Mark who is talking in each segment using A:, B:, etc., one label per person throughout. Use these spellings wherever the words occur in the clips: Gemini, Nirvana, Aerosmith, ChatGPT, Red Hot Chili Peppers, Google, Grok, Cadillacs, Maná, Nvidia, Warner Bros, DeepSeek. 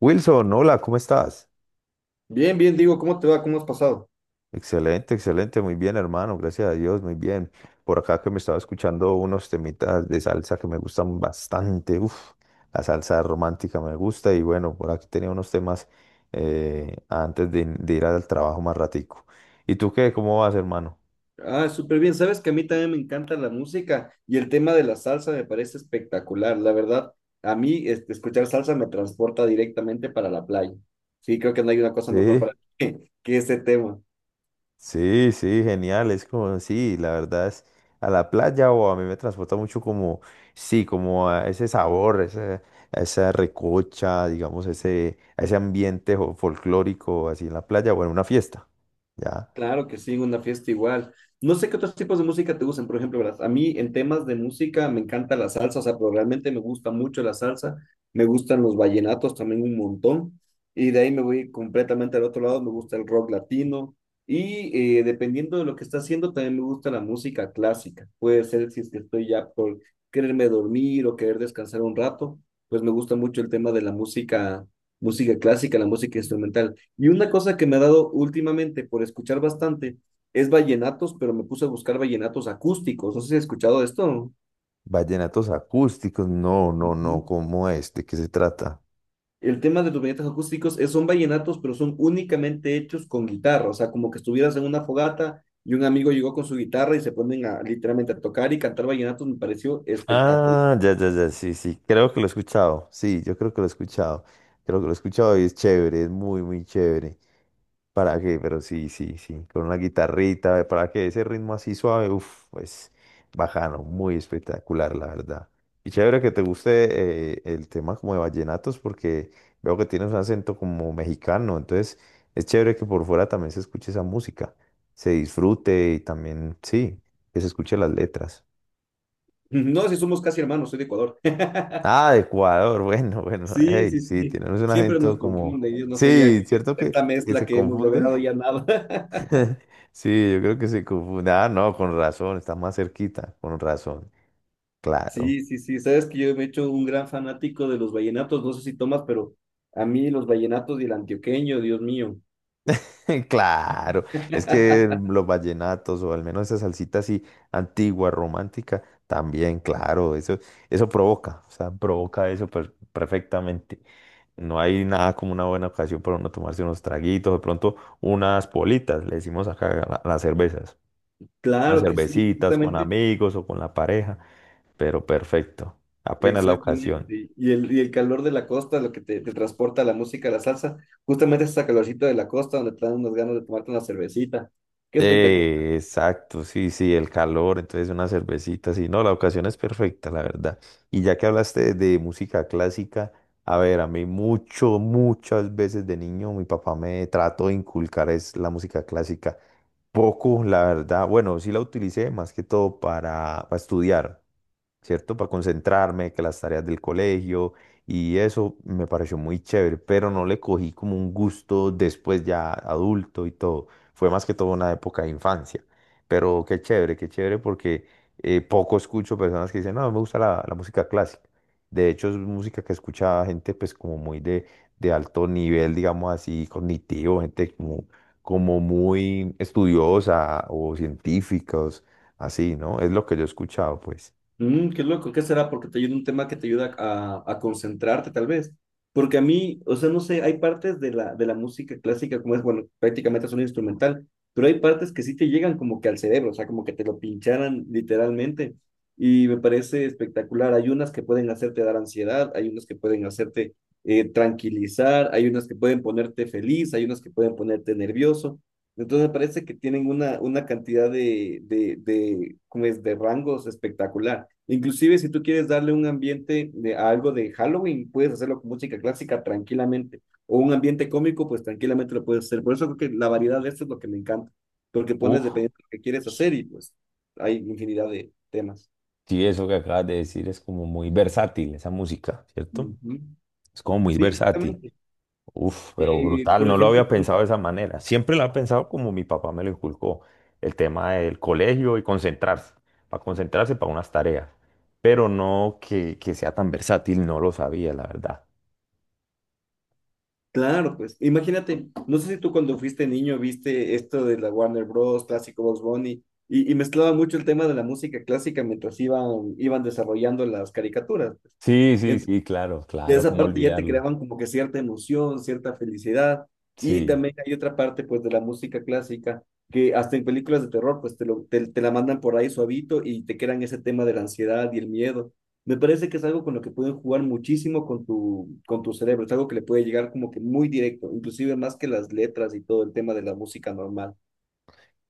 A: Wilson, hola, ¿cómo estás?
B: Bien, bien, digo, ¿cómo te va? ¿Cómo has pasado?
A: Excelente, excelente, muy bien, hermano, gracias a Dios, muy bien. Por acá que me estaba escuchando unos temitas de salsa que me gustan bastante, uf, la salsa romántica me gusta y bueno, por aquí tenía unos temas antes de ir al trabajo más ratico. ¿Y tú qué? ¿Cómo vas, hermano?
B: Ah, súper bien. Sabes que a mí también me encanta la música y el tema de la salsa me parece espectacular. La verdad, a mí escuchar salsa me transporta directamente para la playa. Sí, creo que no hay una cosa mejor para
A: Sí.
B: mí que ese tema.
A: Sí, sí, genial, es como, sí, la verdad es, a la playa o a mí me transporta mucho como, sí, como a ese sabor, a esa recocha, digamos, ese, a ese ambiente folclórico así en la playa o en una fiesta, ¿ya?
B: Claro que sí, una fiesta igual. No sé qué otros tipos de música te gustan, por ejemplo, ¿verdad? A mí en temas de música me encanta la salsa, o sea, pero realmente me gusta mucho la salsa, me gustan los vallenatos también un montón, y de ahí me voy completamente al otro lado, me gusta el rock latino, y dependiendo de lo que está haciendo, también me gusta la música clásica. Puede ser si es que estoy ya por quererme dormir o querer descansar un rato, pues me gusta mucho el tema de la música, música clásica, la música instrumental. Y una cosa que me ha dado últimamente por escuchar bastante es vallenatos, pero me puse a buscar vallenatos acústicos. No sé si has escuchado de esto.
A: Vallenatos acústicos, no, no, no,
B: Ujú.
A: ¿cómo es? ¿De qué se trata?
B: El tema de los vallenatos acústicos es, son vallenatos, pero son únicamente hechos con guitarra. O sea, como que estuvieras en una fogata y un amigo llegó con su guitarra y se ponen a, literalmente a tocar y cantar vallenatos. Me pareció espectacular.
A: Ah, ya, ya, ya, sí, sí, creo que lo he escuchado, sí, yo creo que lo he escuchado, creo que lo he escuchado y es chévere, es muy, muy chévere. ¿Para qué? Pero sí, sí, sí, con una guitarrita, ¿para que ese ritmo así suave, uff, pues bajano, muy espectacular, la verdad. Y chévere que te guste el tema como de vallenatos, porque veo que tienes un acento como mexicano, entonces es chévere que por fuera también se escuche esa música, se disfrute y también, sí, que se escuche las letras.
B: No, si somos casi hermanos, soy de Ecuador.
A: Ah, de Ecuador, bueno, bueno,
B: Sí,
A: hey,
B: sí,
A: sí,
B: sí.
A: tenemos un
B: Siempre nos
A: acento como,
B: confunde, y yo no sé ya
A: sí,
B: que
A: ¿cierto
B: esta
A: que
B: mezcla
A: se
B: que hemos
A: confunde?
B: logrado ya nada.
A: Sí, yo creo que se confunde. Ah, no, con razón, está más cerquita, con razón. Claro,
B: Sí, sí, sí. Sabes que yo me he hecho un gran fanático de los vallenatos. No sé si tomas, pero a mí los vallenatos y el antioqueño, Dios mío.
A: claro. Es que los vallenatos, o al menos esa salsita así antigua, romántica, también, claro, eso provoca, o sea, provoca eso perfectamente. No hay nada como una buena ocasión para uno tomarse unos traguitos, de pronto unas politas, le decimos acá a a las cervezas, unas
B: Claro que sí,
A: cervecitas con
B: justamente,
A: amigos o con la pareja, pero perfecto, apenas la ocasión.
B: exactamente. Y el calor de la costa, lo que te transporta la música, la salsa, justamente es esa calorcita de la costa donde te dan unas ganas de tomarte una cervecita. Qué espectacular.
A: Exacto, sí, sí, el calor, entonces una cervecita, sí, no, la ocasión es perfecta, la verdad. Y ya que hablaste de música clásica, a ver, a mí mucho, muchas veces de niño mi papá me trató de inculcar es la música clásica. Poco, la verdad, bueno, sí la utilicé más que todo para estudiar. ¿Cierto? Para concentrarme, que las tareas del colegio y eso me pareció muy chévere, pero no le cogí como un gusto después ya adulto y todo. Fue más que todo una época de infancia, pero qué chévere porque poco escucho personas que dicen, no, me gusta la música clásica. De hecho, es música que escucha gente pues como muy de alto nivel, digamos así, cognitivo, gente como, como muy estudiosa o científicos, así, ¿no? Es lo que yo he escuchado, pues.
B: Mm, qué loco, ¿qué será? Porque te ayuda un tema que te ayuda a concentrarte, tal vez. Porque a mí, o sea, no sé, hay partes de de la música clásica, como es, bueno, prácticamente es un instrumental, pero hay partes que sí te llegan como que al cerebro, o sea, como que te lo pincharan literalmente. Y me parece espectacular. Hay unas que pueden hacerte dar ansiedad, hay unas que pueden hacerte tranquilizar, hay unas que pueden ponerte feliz, hay unas que pueden ponerte nervioso. Entonces me parece que tienen una cantidad ¿cómo es? De rangos espectacular. Inclusive si tú quieres darle un ambiente de a algo de Halloween, puedes hacerlo con música clásica tranquilamente. O un ambiente cómico, pues tranquilamente lo puedes hacer. Por eso creo que la variedad de esto es lo que me encanta, porque pones
A: Uf,
B: dependiendo de lo que quieres hacer y pues hay infinidad de temas.
A: sí, eso que acabas de decir es como muy versátil, esa música, ¿cierto?
B: Ujú.
A: Es como muy
B: Sí,
A: versátil.
B: justamente.
A: Uf, pero brutal,
B: Por
A: no lo
B: ejemplo,
A: había
B: bueno,
A: pensado de esa manera. Siempre lo había pensado como mi papá me lo inculcó, el tema del colegio y concentrarse, para concentrarse para unas tareas, pero no que sea tan versátil, no lo sabía, la verdad.
B: claro, pues imagínate, no sé si tú cuando fuiste niño viste esto de la Warner Bros. Clásico Box Bunny y mezclaba mucho el tema de la música clásica mientras iban desarrollando las caricaturas. Pues
A: Sí, sí, sí, claro,
B: ya
A: claro,
B: esa
A: cómo
B: parte ya te
A: olvidarlo.
B: creaban como que cierta emoción, cierta felicidad. Y
A: Sí.
B: también hay otra parte pues de la música clásica que hasta en películas de terror pues te la mandan por ahí suavito y te crean ese tema de la ansiedad y el miedo. Me parece que es algo con lo que pueden jugar muchísimo con con tu cerebro, es algo que le puede llegar como que muy directo, inclusive más que las letras y todo el tema de la música normal.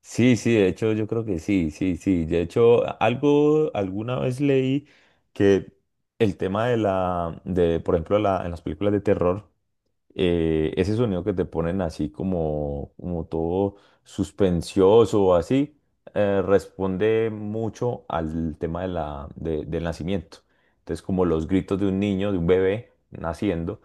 A: Sí, sí, de hecho yo creo que sí, sí, sí. De hecho, algo, alguna vez leí que el tema de por ejemplo, la, en las películas de terror, ese sonido que te ponen así como, como todo suspensioso o así, responde mucho al tema de del nacimiento. Entonces, como los gritos de un niño, de un bebé naciendo,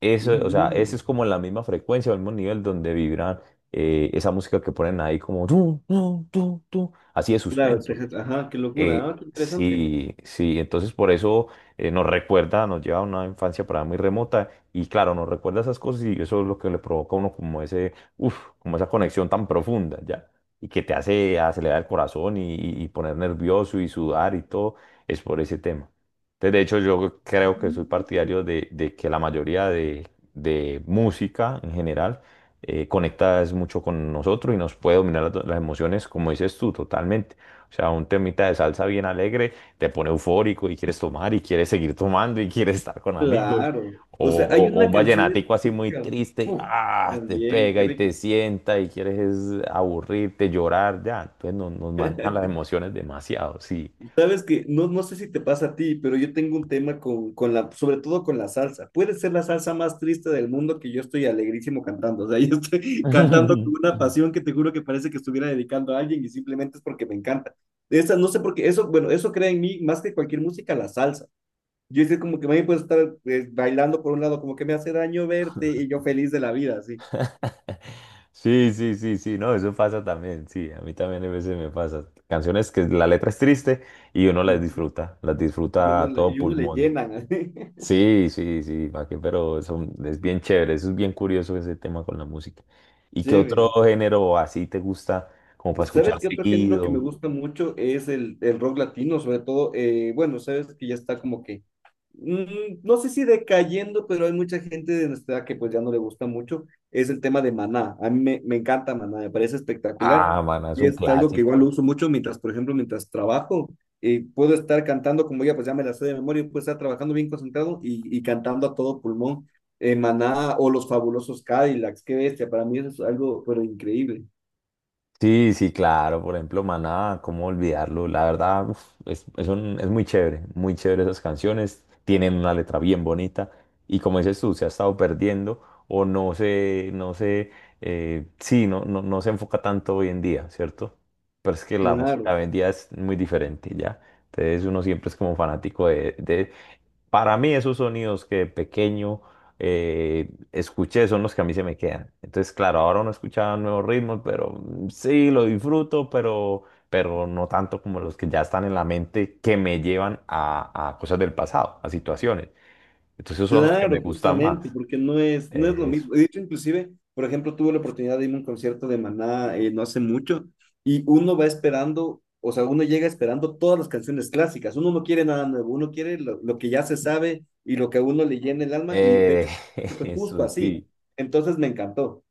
A: eso, o sea, esa
B: Ujú.
A: es como la misma frecuencia, el mismo nivel donde vibran esa música que ponen ahí como tú, así de
B: Claro,
A: suspenso.
B: ajá, qué locura, ah, qué interesante.
A: Sí, sí, entonces por eso nos recuerda, nos lleva a una infancia para muy remota y claro, nos recuerda esas cosas y eso es lo que le provoca a uno como ese, uff, como esa conexión tan profunda, ¿ya? Y que te hace acelerar el corazón y poner nervioso y sudar y todo, es por ese tema. Entonces, de hecho, yo creo que soy partidario de que la mayoría de música en general conecta es mucho con nosotros y nos puede dominar las emociones, como dices tú, totalmente. O sea, un temita de salsa bien alegre te pone eufórico y quieres tomar y quieres seguir tomando y quieres estar con amigos.
B: Claro. O sea, hay
A: O
B: una
A: un
B: canción
A: vallenatico así muy
B: específica.
A: triste,
B: Uf,
A: ah, te
B: también,
A: pega
B: qué
A: y te
B: rico.
A: sienta y quieres es aburrirte, llorar, ya. Entonces nos manejan las emociones demasiado, sí.
B: Sabes que no, no sé si te pasa a ti, pero yo tengo un tema con la, sobre todo con la salsa. Puede ser la salsa más triste del mundo que yo estoy alegrísimo cantando. O sea, yo estoy cantando con una pasión que te juro que parece que estuviera dedicando a alguien y simplemente es porque me encanta. Esa, no sé por qué, eso, bueno, eso crea en mí más que cualquier música, la salsa. Yo es que como que me puedo estar bailando por un lado, como que me hace daño verte y yo feliz de la vida, así.
A: Sí, sí, sí, sí, no, eso pasa también, sí, a mí también a veces me pasa. Canciones que la letra es triste y uno
B: Ujú.
A: las
B: Y
A: disfruta a todo
B: y uno le
A: pulmón.
B: llenan.
A: Sí, sí, sí, pa' qué, pero es bien chévere, eso es bien curioso ese tema con la música. ¿Y qué otro
B: Chévere.
A: género así te gusta como para
B: ¿Sabes
A: escuchar
B: qué otro género que me
A: seguido?
B: gusta mucho es el rock latino, sobre todo, bueno, sabes que ya está como que, no sé si decayendo, pero hay mucha gente de nuestra edad que pues ya no le gusta mucho, es el tema de Maná. A mí me encanta Maná, me parece espectacular
A: Ah, man, es
B: y
A: un
B: es algo que igual lo
A: clásico.
B: uso mucho mientras, por ejemplo, mientras trabajo, puedo estar cantando como ya pues ya me la sé de memoria, puedo estar trabajando bien concentrado y cantando a todo pulmón. Maná o los fabulosos Cadillacs, qué bestia, para mí eso es algo pero increíble.
A: Sí, sí, claro, por ejemplo, Maná, cómo olvidarlo, la verdad, uf, es, es muy chévere esas canciones, tienen una letra bien bonita y como dices tú, se ha estado perdiendo o sí, no, no, no se enfoca tanto hoy en día, ¿cierto? Pero es que la música
B: Claro.
A: hoy en día es muy diferente, ¿ya? Entonces uno siempre es como fanático de para mí esos sonidos que de pequeño escuché son los que a mí se me quedan. Entonces, claro, ahora uno escucha nuevos ritmos, pero mm, sí, lo disfruto, pero no tanto como los que ya están en la mente que me llevan a cosas del pasado, a situaciones. Entonces, esos son los que me
B: Claro,
A: gustan
B: justamente,
A: más.
B: porque no es lo
A: Eso.
B: mismo. De hecho, inclusive, por ejemplo, tuve la oportunidad de irme a un concierto de Maná no hace mucho y uno va esperando, o sea, uno llega esperando todas las canciones clásicas. Uno no quiere nada nuevo, uno quiere lo que ya se sabe y lo que a uno le llena el alma y de
A: Eh,
B: hecho fue justo
A: eso
B: así.
A: sí.
B: Entonces me encantó.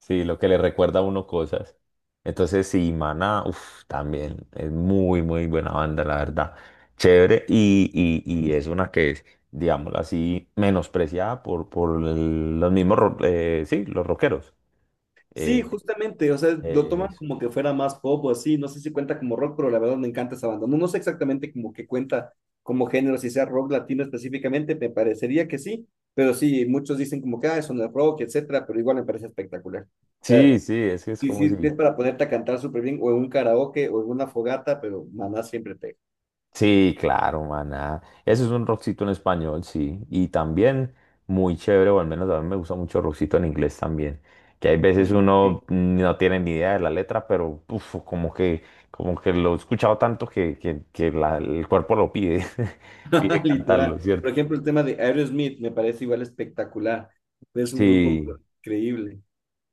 A: Sí, lo que le recuerda a uno cosas. Entonces, sí, Maná, uf, también es muy, muy buena banda, la verdad. Chévere, y es una que es, digámoslo así, menospreciada por los mismos, sí, los rockeros.
B: Sí,
A: Eh,
B: justamente, o sea, lo
A: eh,
B: toman como que fuera más pop o así, no sé si cuenta como rock, pero la verdad me encanta esa banda. No, no sé exactamente como que cuenta como género, si sea rock latino específicamente, me parecería que sí, pero sí, muchos dicen como que, ah, eso no es rock, etcétera, pero igual me parece espectacular. O sea,
A: sí, sí, es que es
B: y
A: como si
B: si es para ponerte a cantar súper bien, o en un karaoke, o en una fogata, pero maná siempre te...
A: sí, claro, maná. Ese es un rockcito en español, sí. Y también muy chévere, o al menos a mí me gusta mucho el rockcito en inglés también. Que hay veces
B: También.
A: uno no tiene ni idea de la letra, pero uf, como que lo he escuchado tanto que el cuerpo lo pide, pide cantarlo,
B: Literal.
A: ¿cierto?
B: Por ejemplo, el tema de Aerosmith me parece igual espectacular, es un grupo
A: Sí.
B: increíble.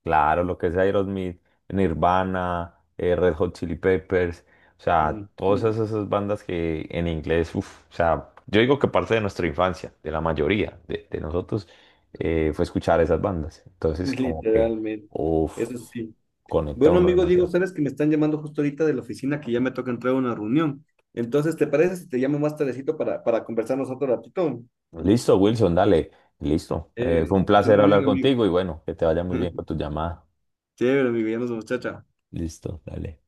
A: Claro, lo que es Aerosmith, Nirvana, Red Hot Chili Peppers, o sea,
B: Mm,
A: todas
B: mm.
A: esas, esas bandas que en inglés, uf, o sea, yo digo que parte de nuestra infancia, de la mayoría de nosotros, fue escuchar esas bandas. Entonces, como que,
B: Literalmente,
A: uff,
B: eso sí.
A: conecta
B: Bueno,
A: uno
B: amigo Diego,
A: demasiado.
B: sabes que me están llamando justo ahorita de la oficina que ya me toca entrar a una reunión. Entonces, ¿te parece si te llamo más tardecito para conversarnos otro ratito?
A: Listo, Wilson, dale, listo. Fue
B: Chévere,
A: un
B: que estés
A: placer
B: muy
A: hablar
B: bien, amigo.
A: contigo y bueno, que te vaya muy bien con tu llamada.
B: Chévere, amigo, ya nos vemos, chao, chao.
A: Listo, dale.